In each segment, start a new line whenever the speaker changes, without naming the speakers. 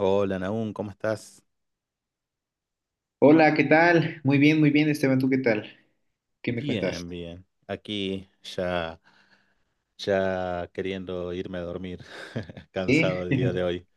Hola, Nahum, ¿cómo estás?
Hola, ¿qué tal? Muy bien, Esteban, ¿tú qué tal? ¿Qué me cuentas?
Bien, bien. Aquí ya, ya queriendo irme a dormir,
Sí.
cansado el día de hoy.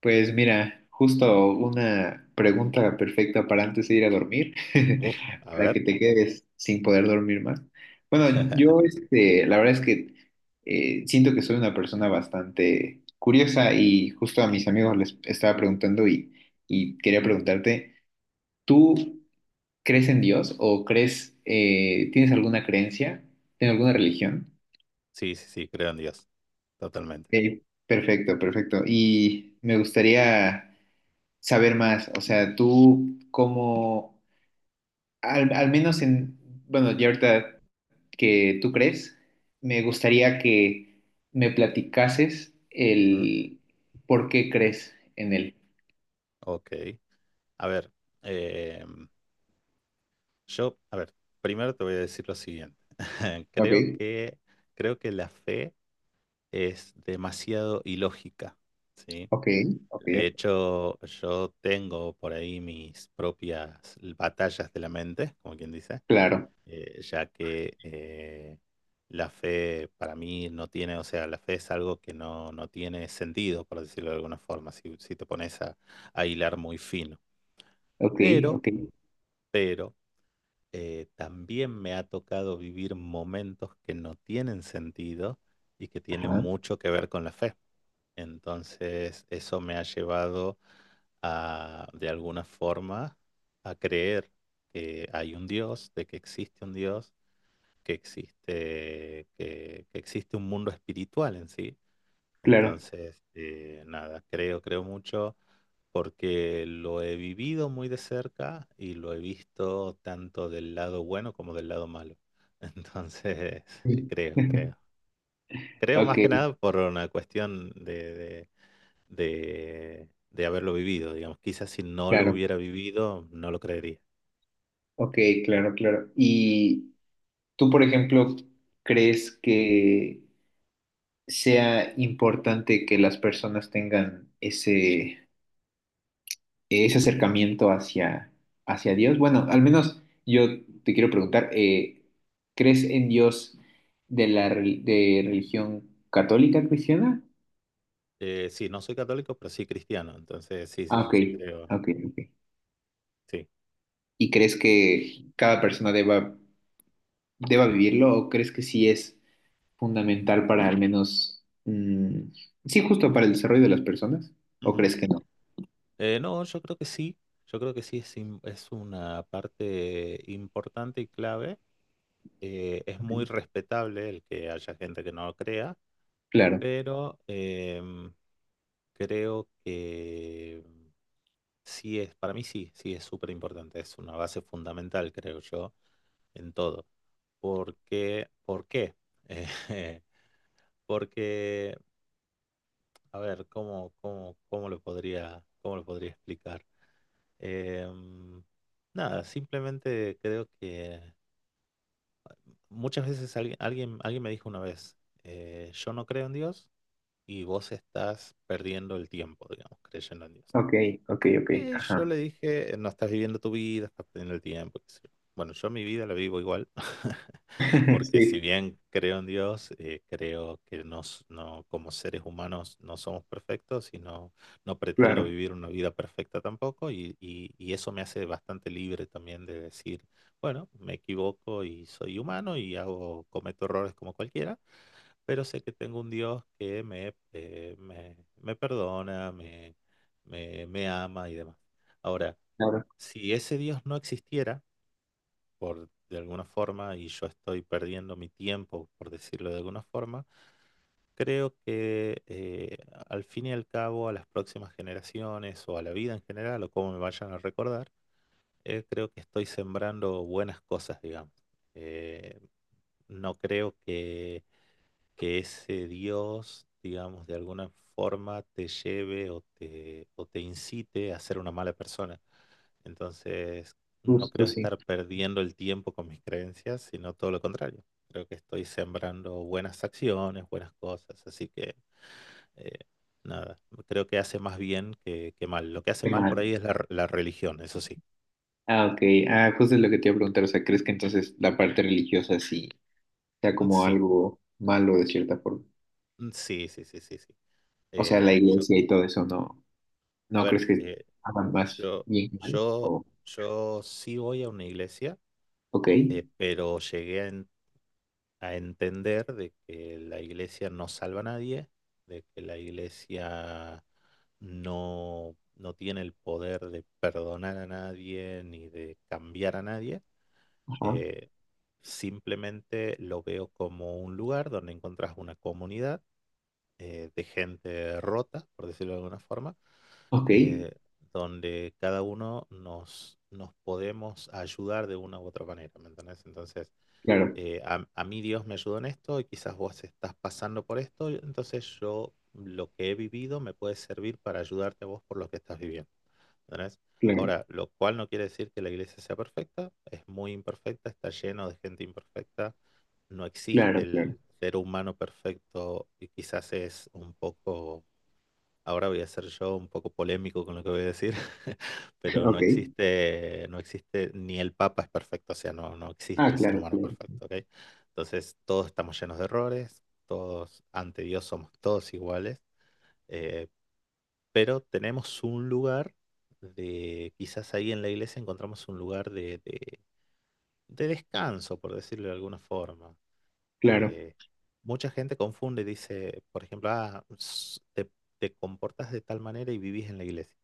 Pues mira, justo una pregunta perfecta para antes de ir a dormir,
Uf, a
para que
ver.
te quedes sin poder dormir más. Bueno, yo este, la verdad es que siento que soy una persona bastante curiosa y justo a mis amigos les estaba preguntando y quería preguntarte, ¿tú crees en Dios o crees, tienes alguna creencia, tienes alguna religión?
Sí, sí, sí, creo en Dios, totalmente.
Ok, perfecto, perfecto. Y me gustaría saber más, o sea, tú cómo al menos en, bueno, ya ahorita que tú crees, me gustaría que me platicases
Ujú.
el por qué crees en él.
Ok, a ver, em, yo, a ver, primero te voy a decir lo siguiente.
Ok,
Creo que, creo que la fe es demasiado ilógica, ¿sí?
ok, ok,
De hecho, yo tengo por ahí mis propias batallas de la mente, como quien dice,
claro,
ya que la fe para mí no tiene, o sea, la fe es algo que no, no tiene sentido, por decirlo de alguna forma, si, si te pones a hilar muy fino.
ok,
Pero,
ok,
pero, también me ha tocado vivir momentos que no tienen sentido y que tienen
ajá,
mucho que ver con la fe. Entonces, eso me ha llevado a, de alguna forma, a creer que hay un Dios, de que existe un Dios, que existe un mundo espiritual en sí.
claro.
Entonces, nada, creo, creo mucho porque lo he vivido muy de cerca y lo he visto tanto del lado bueno como del lado malo. Entonces,
Sí.
creo, creo. Creo
Ok,
más que nada por una cuestión de, de haberlo vivido, digamos. Quizás si no lo
claro,
hubiera vivido, no lo creería.
ok, claro, claro. Y tú, por ejemplo, ¿crees que sea importante que las personas tengan ese acercamiento hacia Dios? Bueno, al menos yo te quiero preguntar, ¿crees en Dios de la re- de religión católica cristiana?
Sí, no soy católico, pero sí cristiano. Entonces, sí, sí,
Ah, ok,
sí, creo,
ok, ok.
sí.
¿Y crees que cada persona deba vivirlo o crees que sí es fundamental para al menos, sí, justo para el desarrollo de las personas? ¿O
Ujú.
crees que no?
No, yo creo que sí. Yo creo que sí es, es una parte importante y clave. Es
Ok.
muy respetable el que haya gente que no lo crea.
Claro.
Pero creo que sí es, para mí sí, sí es súper importante, es una base fundamental, creo yo, en todo. ¿Por qué? ¿Por qué? Porque, a ver, ¿cómo, cómo, cómo lo podría explicar? Em, nada, simplemente creo que muchas veces alguien me dijo una vez, yo no creo en Dios, y vos estás perdiendo el tiempo, digamos, creyendo en Dios.
Ok, ok, ok.
Y yo
Ajá.
le dije, no estás viviendo tu vida, estás perdiendo el tiempo. Qué sé yo. Bueno, yo mi vida la vivo igual, porque si
Sí,
bien creo en Dios, creo que nos, no, como seres humanos no somos perfectos y no, no pretendo
claro,
vivir una vida perfecta tampoco, y eso me hace bastante libre también de decir, bueno, me equivoco y soy humano y hago, cometo errores como cualquiera, pero sé que tengo un Dios que me, me perdona, me ama y demás. Ahora,
claro,
si ese Dios no existiera, por de alguna forma, y yo estoy perdiendo mi tiempo, por decirlo de alguna forma, creo que al fin y al cabo, a las próximas generaciones o a la vida en general, o como me vayan a recordar, creo que estoy sembrando buenas cosas, digamos. Eh, no creo que ese Dios, digamos, de alguna forma te lleve o te incite a ser una mala persona. Entonces, no creo
justo sí.
estar perdiendo el tiempo con mis creencias, sino todo lo contrario. Creo que estoy sembrando buenas acciones, buenas cosas, así que eh, nada, creo que hace más bien que mal. Lo que hace
Qué
mal por
mal.
ahí es la, la religión, eso sí.
Ah, ok. Ah, justo es lo que te iba a preguntar. O sea, ¿crees que entonces la parte religiosa sí sea
Mm,
como
sí,
algo malo de cierta forma?
mm, sí, sí, sí, sí, sí.
O sea, la
Yo,
iglesia y todo eso, ¿no?
a
¿No
ver,
crees que hagan más
yo,
bien que mal?
yo,
O,
yo sí voy a una iglesia,
ok,
pero llegué a, a entender de que la iglesia no salva a nadie, de que la iglesia no, no tiene el poder de perdonar a nadie ni de cambiar a nadie.
ajá,
Eh, simplemente lo veo como un lugar donde encontrás una comunidad de gente rota, por decirlo de alguna forma,
ok,
eh, donde cada uno nos, nos podemos ayudar de una u otra manera, ¿me entendés? Entonces,
claro,
a mí Dios me ayudó en esto y quizás vos estás pasando por esto, entonces yo lo que he vivido me puede servir para ayudarte a vos por lo que estás viviendo. ¿Entendés?
claro,
Ahora, lo cual no quiere decir que la iglesia sea perfecta, es muy imperfecta, está lleno de gente imperfecta, no existe
claro, claro,
el ser humano perfecto y quizás es un poco. Ahora voy a ser yo un poco polémico con lo que voy a decir, pero no
ok.
existe, no existe, ni el Papa es perfecto, o sea, no, no existe
Ah,
el ser
claro,
humano
claro,
perfecto, ¿ok? Entonces, todos estamos llenos de errores, todos ante Dios somos todos iguales, eh, pero tenemos un lugar de, quizás ahí en la iglesia encontramos un lugar de, de descanso, por decirlo de alguna forma.
claro.
Eh, mucha gente confunde, y dice, por ejemplo, ah, s- te comportas de tal manera y vivís en la iglesia.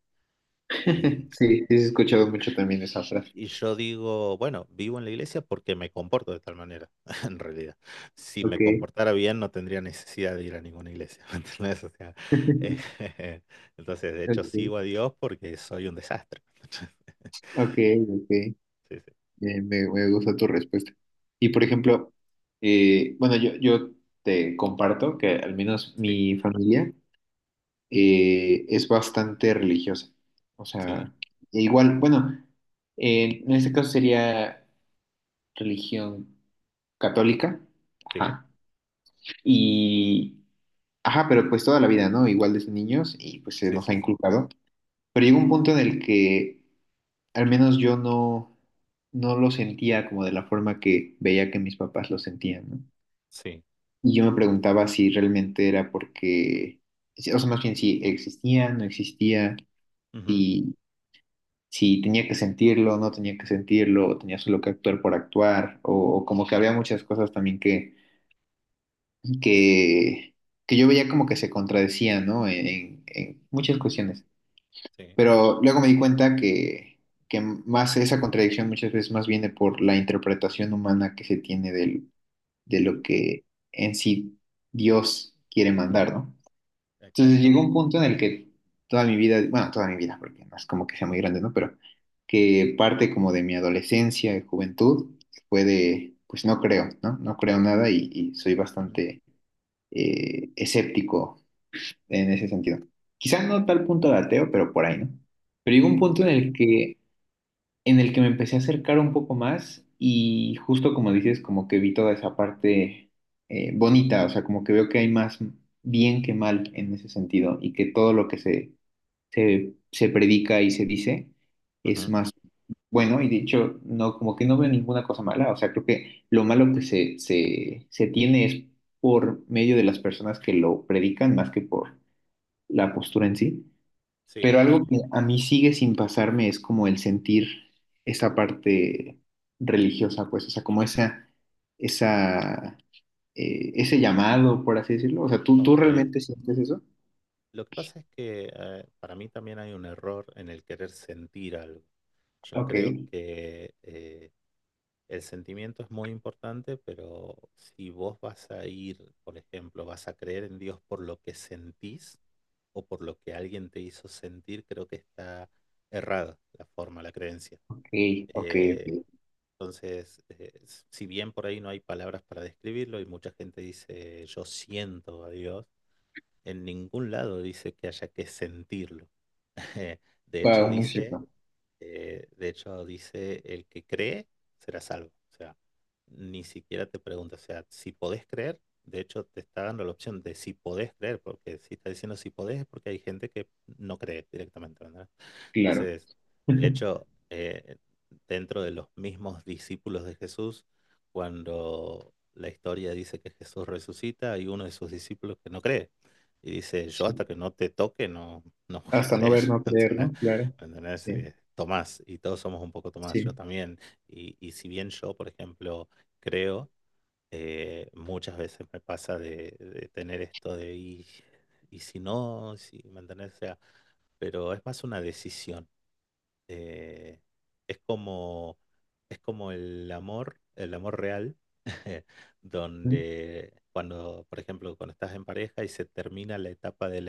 Y,
Sí, sí, he
y-
escuchado mucho también esa frase.
y yo digo, bueno, vivo en la iglesia porque me comporto de tal manera, en realidad. Si me
Ok,
comportara bien, no tendría necesidad de ir a ninguna iglesia, ¿me entendés? O sea, eh, entonces, de hecho, sigo a
ok,
Dios porque soy un desastre.
ok, ok.
Sí,
Me gusta tu respuesta. Y por ejemplo, bueno, yo te comparto que al menos
sí,
mi familia es bastante religiosa. O
sí,
sea, igual, bueno, en este caso sería religión católica.
sí,
Ajá. Y, ajá, pero pues toda la vida, ¿no? Igual desde niños y pues se
sí,
nos ha
sí, sí, sí.
inculcado. Pero llega un punto en el que al menos yo no, no lo sentía como de la forma que veía que mis papás lo sentían, ¿no?
Sí.
Y yo me preguntaba si realmente era porque, o sea, más bien si existía, no existía,
Ujú,
si, si tenía que sentirlo, no tenía que sentirlo, o tenía solo que actuar por actuar, o como que había muchas cosas también que, que, que yo veía como que se contradecían, ¿no? En muchas
ujú,
cuestiones.
sí,
Pero luego me di cuenta que, más esa contradicción muchas veces más viene por la interpretación humana que se tiene de
ujú,
lo que en sí Dios quiere mandar, ¿no? Entonces
exacto.
llegó un punto en el que toda mi vida, bueno, toda mi vida, porque no es como que sea muy grande, ¿no? Pero que parte como de mi adolescencia y juventud fue de, pues no creo, ¿no? No creo nada y soy
Ujú,
bastante escéptico en ese sentido. Quizás no tal punto de ateo, pero por ahí, ¿no? Pero llegó un
ok,
punto en el que me empecé a acercar un poco más y justo como dices, como que vi toda esa parte bonita, o sea, como que veo que hay más bien que mal en ese sentido y que todo lo que se predica y se dice es
ujú,
más bueno y de hecho, no, como que no veo ninguna cosa mala, o sea, creo que lo malo que se tiene es por medio de las personas que lo predican más que por la postura en sí. Pero
sí,
algo que a mí sigue sin pasarme es como el sentir esa parte religiosa, pues, o sea, como esa, ese llamado, por así decirlo. O sea, ¿tú
ok.
realmente sientes eso?
Lo que pasa es que para mí también hay un error en el querer sentir algo. Yo
Ok,
creo que el sentimiento es muy importante, pero si vos vas a ir, por ejemplo, vas a creer en Dios por lo que sentís o por lo que alguien te hizo sentir, creo que está errada la forma, la creencia.
ok, ok,
Eh,
ok.
entonces, si bien por ahí no hay palabras para describirlo y mucha gente dice yo siento a Dios, en ningún lado dice que haya que sentirlo. De hecho,
Wow, no es
dice
cierto.
de hecho, dice, el que cree será salvo. O sea, ni siquiera te pregunta, o sea, si podés creer, de hecho te está dando la opción de si podés creer, porque si está diciendo si podés es porque hay gente que no cree directamente, ¿verdad?
Claro.
Entonces, de hecho, dentro de los mismos discípulos de Jesús, cuando la historia dice que Jesús resucita, hay uno de sus discípulos que no cree. Y dice, yo hasta
Sí.
que no te toque no, no voy a
Hasta no
creer,
ver, no
¿me
creer,
entendés?
¿no? Claro.
¿Entendés?
Sí,
Tomás, y todos somos un poco Tomás, yo
sí.
también. Y si bien yo, por ejemplo, creo, muchas veces me pasa de tener esto de, y si no, si, ¿me entendés? O sea, pero es más una decisión eh, es como, es como el amor real,
Mm.
donde cuando, por ejemplo, cuando estás en pareja y se termina la etapa del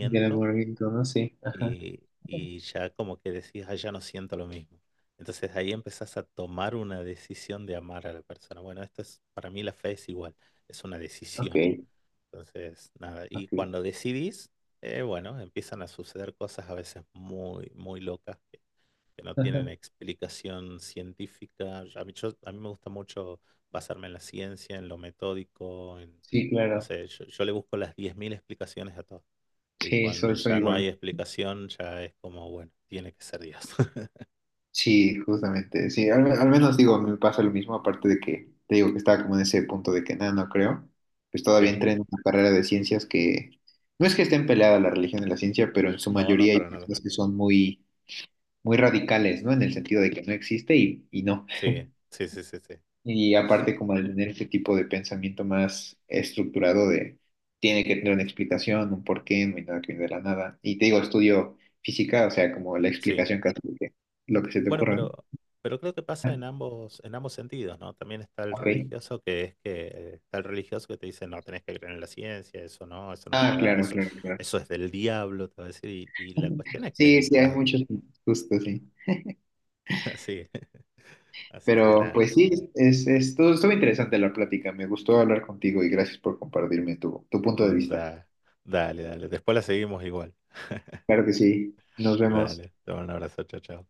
Del amor, no sí. Ajá.
y ya como que decís, ah, ya no siento lo mismo. Entonces ahí empezás a tomar una decisión de amar a la persona. Bueno, esto es, para mí la fe es igual, es una
Ok,
decisión. Entonces, nada, y
ok.
cuando decidís, bueno, empiezan a suceder cosas a veces muy, muy locas que no tienen
Ajá.
explicación científica. A mí, a mí me gusta mucho basarme en la ciencia, en lo metódico, en,
Sí,
no
claro.
sé, yo le busco las 10.000 explicaciones a todo. Y
Sí,
cuando
soy
ya no hay
igual.
explicación, ya es como, bueno, tiene que ser Dios.
Sí, justamente, sí, al menos digo, me pasa lo mismo, aparte de que te digo que estaba como en ese punto de que nada, no creo, pues todavía
Sí.
entré en una carrera de ciencias que no es que estén peleadas la religión y la ciencia, pero en su
No, no,
mayoría hay
para nada.
personas que son muy, muy radicales, ¿no? En el sentido de que no existe y no.
Sí, sí, sí, sí, sí.
Y aparte como de tener ese tipo de pensamiento más estructurado de tiene que tener una explicación, un porqué, no hay nada que viene de la nada. Y te digo, estudio física, o sea, como la
Sí,
explicación casi de lo que se te
bueno,
ocurra, ¿no?
pero creo que pasa
Ah,
en ambos sentidos, ¿no? También está el
ok.
religioso que está el religioso que te dice, no, tenés que creer en la ciencia, eso no es
Ah,
verdad,
claro,
eso,
claro, claro.
eso es del diablo, te va a decir. Y la cuestión es
Sí,
que
sí, hay
las
muchos gustos, sí.
así, así que
Pero
nada.
pues sí, estuvo interesante la plática. Me gustó hablar contigo y gracias por compartirme tu punto de
Mm,
vista.
da, dale, dale. Después la seguimos igual.
Claro que sí. Nos vemos.
Dale, te mando un abrazo, chao, chao.